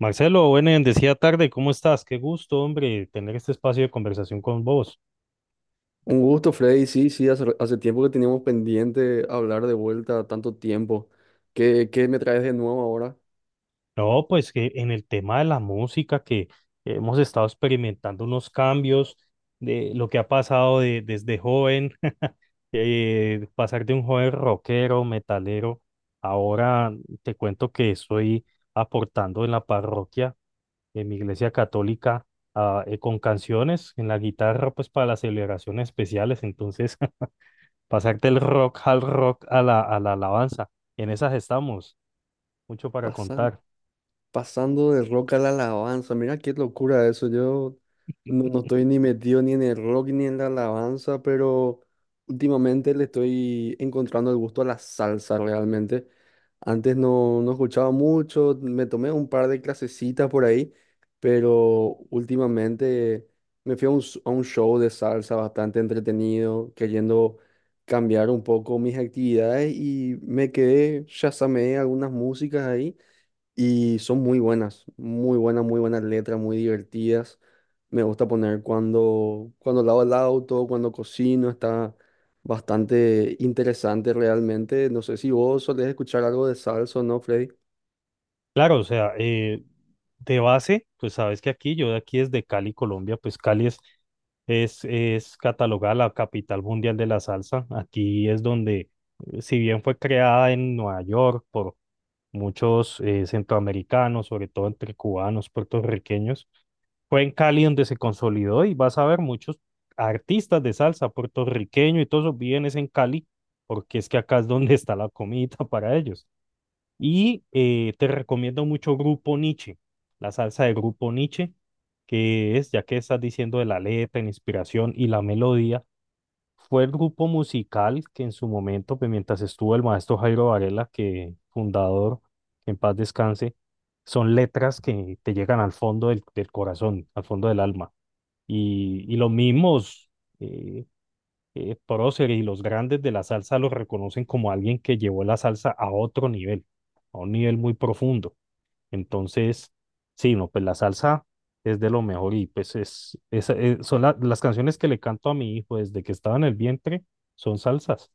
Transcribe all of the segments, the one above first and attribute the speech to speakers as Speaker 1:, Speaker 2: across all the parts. Speaker 1: Marcelo, buena y bendecida tarde, ¿cómo estás? Qué gusto, hombre, tener este espacio de conversación con vos.
Speaker 2: Un gusto, Freddy. Sí, sí, hace tiempo que teníamos pendiente hablar de vuelta tanto tiempo. ¿Qué me traes de nuevo ahora?
Speaker 1: No, pues que en el tema de la música, que hemos estado experimentando unos cambios de lo que ha pasado desde joven. Pasar de un joven rockero, metalero, ahora te cuento que estoy aportando en la parroquia, en mi iglesia católica. Con canciones en la guitarra, pues para las celebraciones especiales, entonces pasar del rock al rock a a la alabanza. En esas estamos, mucho para
Speaker 2: Pasa.
Speaker 1: contar.
Speaker 2: Pasando del rock a la alabanza, mira qué locura eso. Yo no estoy ni metido ni en el rock ni en la alabanza, pero últimamente le estoy encontrando el gusto a la salsa realmente. Antes no, no escuchaba mucho, me tomé un par de clasecitas por ahí, pero últimamente me fui a un, a un show de salsa bastante entretenido, queriendo cambiar un poco mis actividades y me quedé, chasameé algunas músicas ahí. Y son muy buenas, muy buenas, muy buenas letras, muy divertidas. Me gusta poner cuando lavo el auto, cuando cocino, está bastante interesante realmente. No sé si vos solés escuchar algo de salsa o no, Freddy.
Speaker 1: Claro, o sea, de base, pues sabes que aquí, yo de aquí desde Cali, Colombia, pues Cali es catalogada la capital mundial de la salsa. Aquí es donde, si bien fue creada en Nueva York por muchos centroamericanos, sobre todo entre cubanos, puertorriqueños, fue en Cali donde se consolidó, y vas a ver muchos artistas de salsa puertorriqueño, y todos esos viven es en Cali, porque es que acá es donde está la comida para ellos. Y te recomiendo mucho Grupo Nietzsche, la salsa de Grupo Nietzsche, que es, ya que estás diciendo de la letra, la inspiración y la melodía, fue el grupo musical que en su momento, pues, mientras estuvo el maestro Jairo Varela, que fundador, que en paz descanse, son letras que te llegan al fondo del corazón, al fondo del alma. Y los mismos eh, próceres y los grandes de la salsa los reconocen como alguien que llevó la salsa a otro nivel, a un nivel muy profundo. Entonces, sí, no, pues la salsa es de lo mejor, y pues son las canciones que le canto a mi hijo desde que estaba en el vientre son salsas.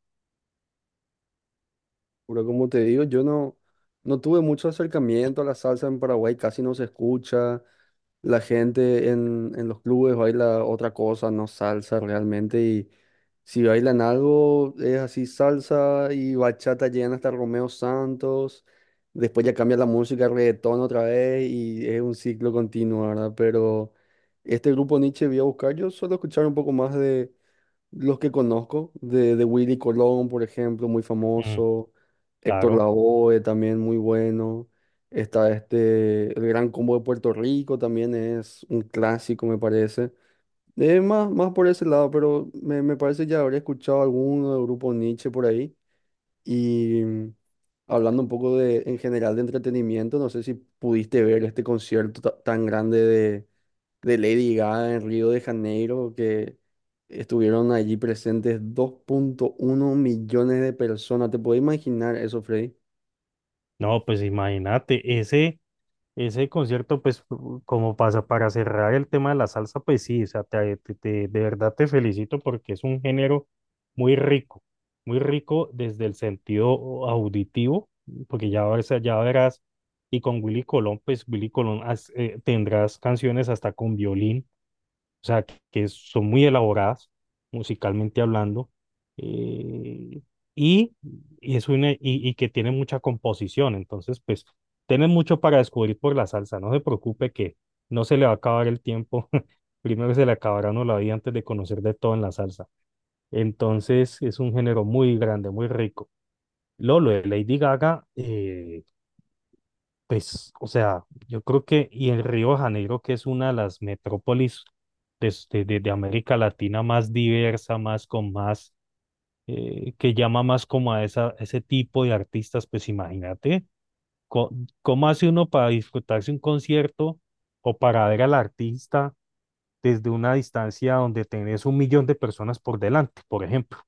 Speaker 2: Pero como te digo, yo no, no tuve mucho acercamiento a la salsa en Paraguay, casi no se escucha. La gente en los clubes baila otra cosa, no salsa realmente. Y si bailan algo, es así salsa y bachata, llegan hasta Romeo Santos. Después ya cambia la música, reggaetón otra vez y es un ciclo continuo, ¿verdad? Pero este grupo Nietzsche voy a buscar, yo suelo escuchar un poco más los que conozco, de Willy Colón, por ejemplo, muy
Speaker 1: Mm,
Speaker 2: famoso. Héctor
Speaker 1: claro.
Speaker 2: Lavoe, también muy bueno. Está este, el Gran Combo de Puerto Rico, también es un clásico, me parece. Más por ese lado, pero me parece ya habría escuchado alguno del grupo Nietzsche por ahí. Y mm, hablando un poco de, en general de entretenimiento, no sé si pudiste ver este concierto tan grande de Lady Gaga en Río de Janeiro, que estuvieron allí presentes 2,1 millones de personas. ¿Te puedes imaginar eso, Freddy?
Speaker 1: No, pues imagínate, ese concierto, pues, como pasa para cerrar el tema de la salsa, pues sí, o sea, de verdad te felicito porque es un género muy rico, muy rico desde el sentido auditivo, porque ya, ya verás, y con Willy Colón, pues Willy Colón tendrás canciones hasta con violín, o sea, que son muy elaboradas musicalmente hablando. eh, y, es una, y que tiene mucha composición, entonces, pues, tiene mucho para descubrir por la salsa, no se preocupe, que no se le va a acabar el tiempo. Primero se le acabará a uno la vida antes de conocer de todo en la salsa, entonces es un género muy grande, muy rico. Lolo de Lady Gaga, pues, o sea, yo creo que, y en Río de Janeiro, que es una de las metrópolis de América Latina más diversa, que llama más como a ese tipo de artistas, pues imagínate, co- ¿cómo hace uno para disfrutarse un concierto o para ver al artista desde una distancia donde tenés un millón de personas por delante, por ejemplo?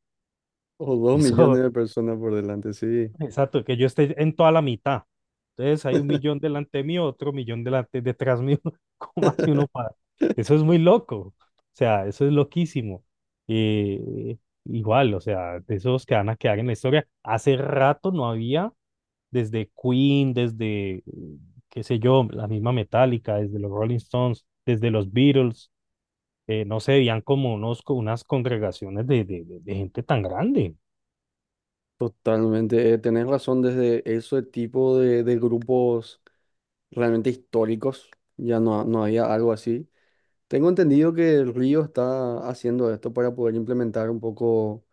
Speaker 2: O dos
Speaker 1: Eso,
Speaker 2: millones de personas por delante, sí.
Speaker 1: Exacto, que yo esté en toda la mitad. Entonces hay un millón delante mío, otro millón delante, detrás mío. ¿Cómo hace uno para? Eso es muy loco. O sea, eso es loquísimo. Eh, Igual, o sea, de esos que van a quedar en la historia. Hace rato no había, desde Queen, qué sé yo, la misma Metallica, desde los Rolling Stones, desde los Beatles, no se veían como unos, unas congregaciones de gente tan grande.
Speaker 2: Totalmente, tenés razón desde ese tipo de grupos realmente históricos, ya no, no había algo así. Tengo entendido que el Río está haciendo esto para poder implementar un poco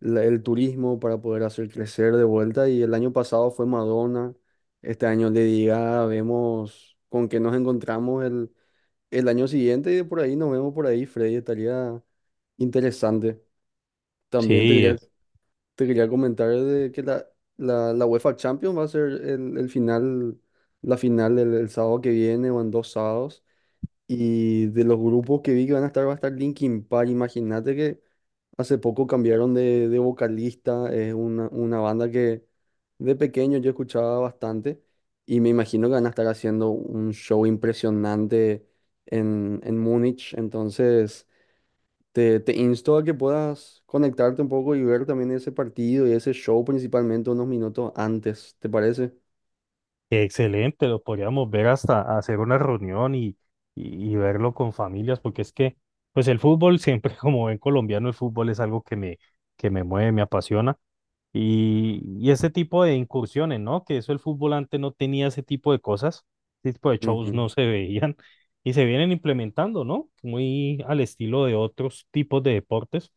Speaker 2: el turismo para poder hacer crecer de vuelta. Y el año pasado fue Madonna, este año Lady Gaga, vemos con qué nos encontramos el año siguiente y de por ahí nos vemos por ahí, Freddy, estaría interesante. También te
Speaker 1: Sí.
Speaker 2: quería, te quería comentar de que la UEFA Champions va a ser el final, la final el sábado que viene o en 2 sábados. Y de los grupos que vi que van a estar, va a estar Linkin Park. Imagínate que hace poco cambiaron de vocalista, es una banda que de pequeño yo escuchaba bastante y me imagino que van a estar haciendo un show impresionante en Múnich, entonces te insto a que puedas conectarte un poco y ver también ese partido y ese show principalmente unos minutos antes, ¿te parece?
Speaker 1: Excelente, lo podríamos ver hasta hacer una reunión, y verlo con familias, porque es que, pues el fútbol siempre, como buen colombiano, el fútbol es algo que me mueve, me apasiona. Y ese tipo de incursiones, ¿no? Que eso el fútbol antes no tenía ese tipo de cosas, ese tipo de shows
Speaker 2: Ujú,
Speaker 1: no se veían y se vienen implementando, ¿no? Muy al estilo de otros tipos de deportes.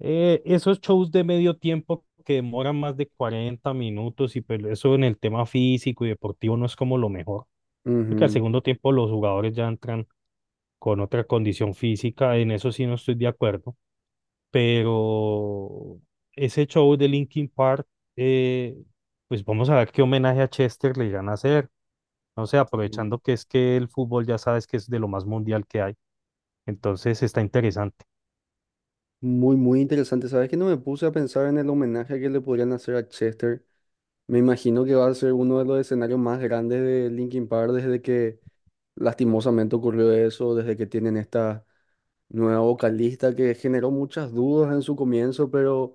Speaker 1: Esos shows de medio tiempo que demoran más de 40 minutos, y pues eso en el tema físico y deportivo no es como lo mejor, porque al
Speaker 2: ujú.
Speaker 1: segundo tiempo los jugadores ya entran con otra condición física. En eso sí no estoy de acuerdo, pero ese show de Linkin Park, eh, pues vamos a ver qué homenaje a Chester le irán a hacer, no sé,
Speaker 2: Mm.
Speaker 1: aprovechando que es que el fútbol ya sabes que es de lo más mundial que hay, entonces está interesante.
Speaker 2: Muy, muy interesante. ¿Sabes que no me puse a pensar en el homenaje que le podrían hacer a Chester? Me imagino que va a ser uno de los escenarios más grandes de Linkin Park desde que lastimosamente ocurrió eso, desde que tienen esta nueva vocalista que generó muchas dudas en su comienzo, pero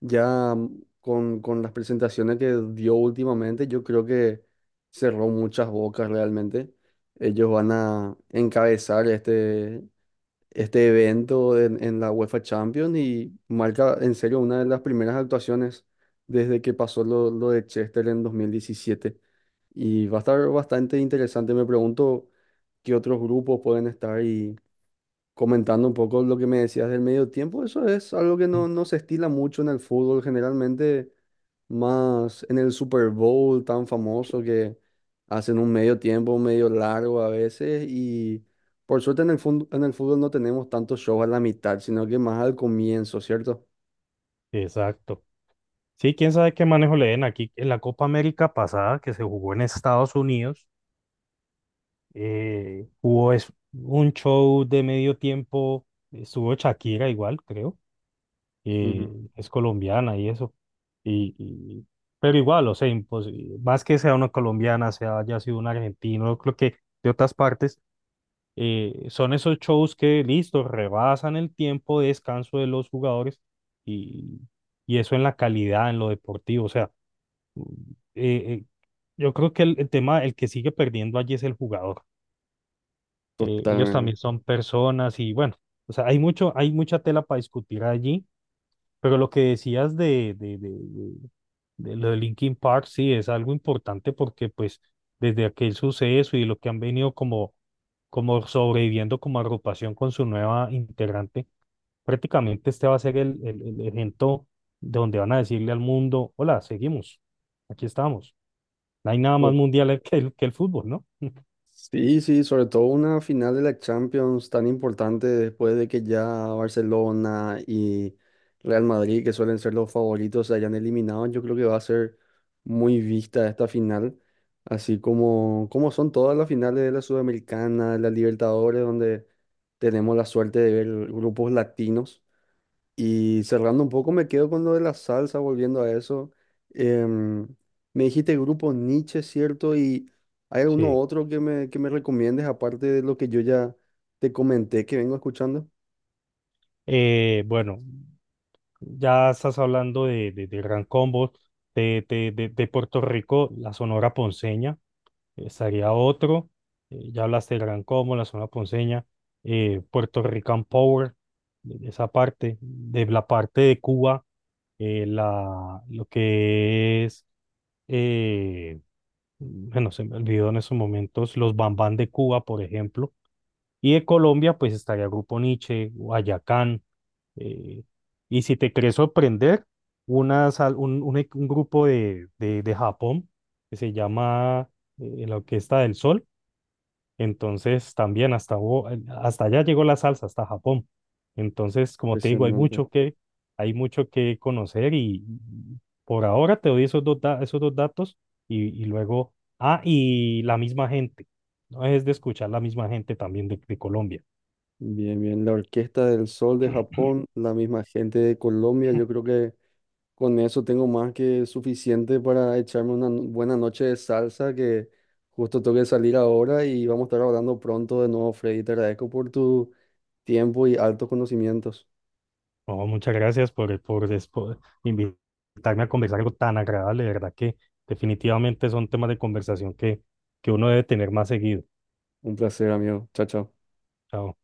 Speaker 2: ya mm, con las presentaciones que dio últimamente, yo creo que cerró muchas bocas realmente. Ellos van a encabezar este evento en la UEFA Champions y marca en serio una de las primeras actuaciones desde que pasó lo de Chester en 2017. Y va a estar bastante interesante. Me pregunto qué otros grupos pueden estar y comentando un poco lo que me decías del medio tiempo. Eso es algo que no, no se estila mucho en el fútbol. Generalmente más en el Super Bowl tan famoso que hacen un medio tiempo, medio largo a veces y por suerte en el en el fútbol no tenemos tantos shows a la mitad, sino que más al comienzo, ¿cierto?
Speaker 1: Exacto. Sí, quién sabe qué manejo le den aquí. En la Copa América pasada que se jugó en Estados Unidos, hubo un show de medio tiempo, estuvo Shakira igual, creo,
Speaker 2: Ujú.
Speaker 1: eh, es colombiana y eso. Y, y- pero igual, o sea, más que sea una colombiana, sea haya sido un argentino, creo que de otras partes, son esos shows que, listo, rebasan el tiempo de descanso de los jugadores, y, y eso en la calidad, en lo deportivo, o sea, eh, eh, yo creo que el tema, el que sigue perdiendo allí es el jugador. Ellos también
Speaker 2: Totalmente.
Speaker 1: son personas y bueno, o sea, hay mucho, hay mucha tela para discutir allí, pero lo que decías de lo de Linkin Park, sí, es algo importante, porque pues desde aquel suceso y lo que han venido como, como sobreviviendo como agrupación con su nueva integrante, prácticamente este va a ser el evento donde van a decirle al mundo, hola, seguimos, aquí estamos. No hay nada más mundial que que el fútbol, ¿no?
Speaker 2: Sí, sí, sobre todo una final de la Champions tan importante después de que ya Barcelona y Real Madrid, que suelen ser los favoritos, se hayan eliminado, yo creo que va a ser muy vista esta final, así como son todas las finales de la Sudamericana, de la Libertadores, donde tenemos la suerte de ver grupos latinos. Y cerrando un poco, me quedo con lo de la salsa, volviendo a eso. Em, me dijiste grupo Nietzsche, ¿cierto? ¿Y hay alguno
Speaker 1: Sí.
Speaker 2: otro que me recomiendes, aparte de lo que yo ya te comenté que vengo escuchando?
Speaker 1: Bueno, ya estás hablando de Gran Combo, de Puerto Rico, la Sonora Ponceña, estaría otro. Ya hablaste de Gran Combo, la Sonora Ponceña, Puerto Rican Power, de esa parte, de la parte de Cuba, lo que es, eh, bueno, se me olvidó en esos momentos, los Bambán de Cuba, por ejemplo. Y de Colombia, pues estaría Grupo Niche, Guayacán, eh, y si te querés sorprender, una sal- un e- un grupo de Japón que se llama la Orquesta del Sol. Entonces, también hasta, hasta allá llegó la salsa, hasta Japón. Entonces, como te digo,
Speaker 2: Impresionante.
Speaker 1: hay mucho que conocer, y por ahora te doy esos dos, esos dos datos, y luego, ah, y la misma gente. No es de escuchar la misma gente también de Colombia.
Speaker 2: Bien, bien. La Orquesta del Sol de Japón, la misma gente de Colombia, yo creo que con eso tengo más que suficiente para echarme una buena noche de salsa que justo tengo que salir ahora y vamos a estar hablando pronto de nuevo, Freddy. Te agradezco por tu tiempo y altos conocimientos.
Speaker 1: Oh, muchas gracias por invitarme a conversar algo tan agradable. De verdad que definitivamente son temas de conversación que uno debe tener más seguido.
Speaker 2: Un placer, amigo. Chao, chao.
Speaker 1: Chao.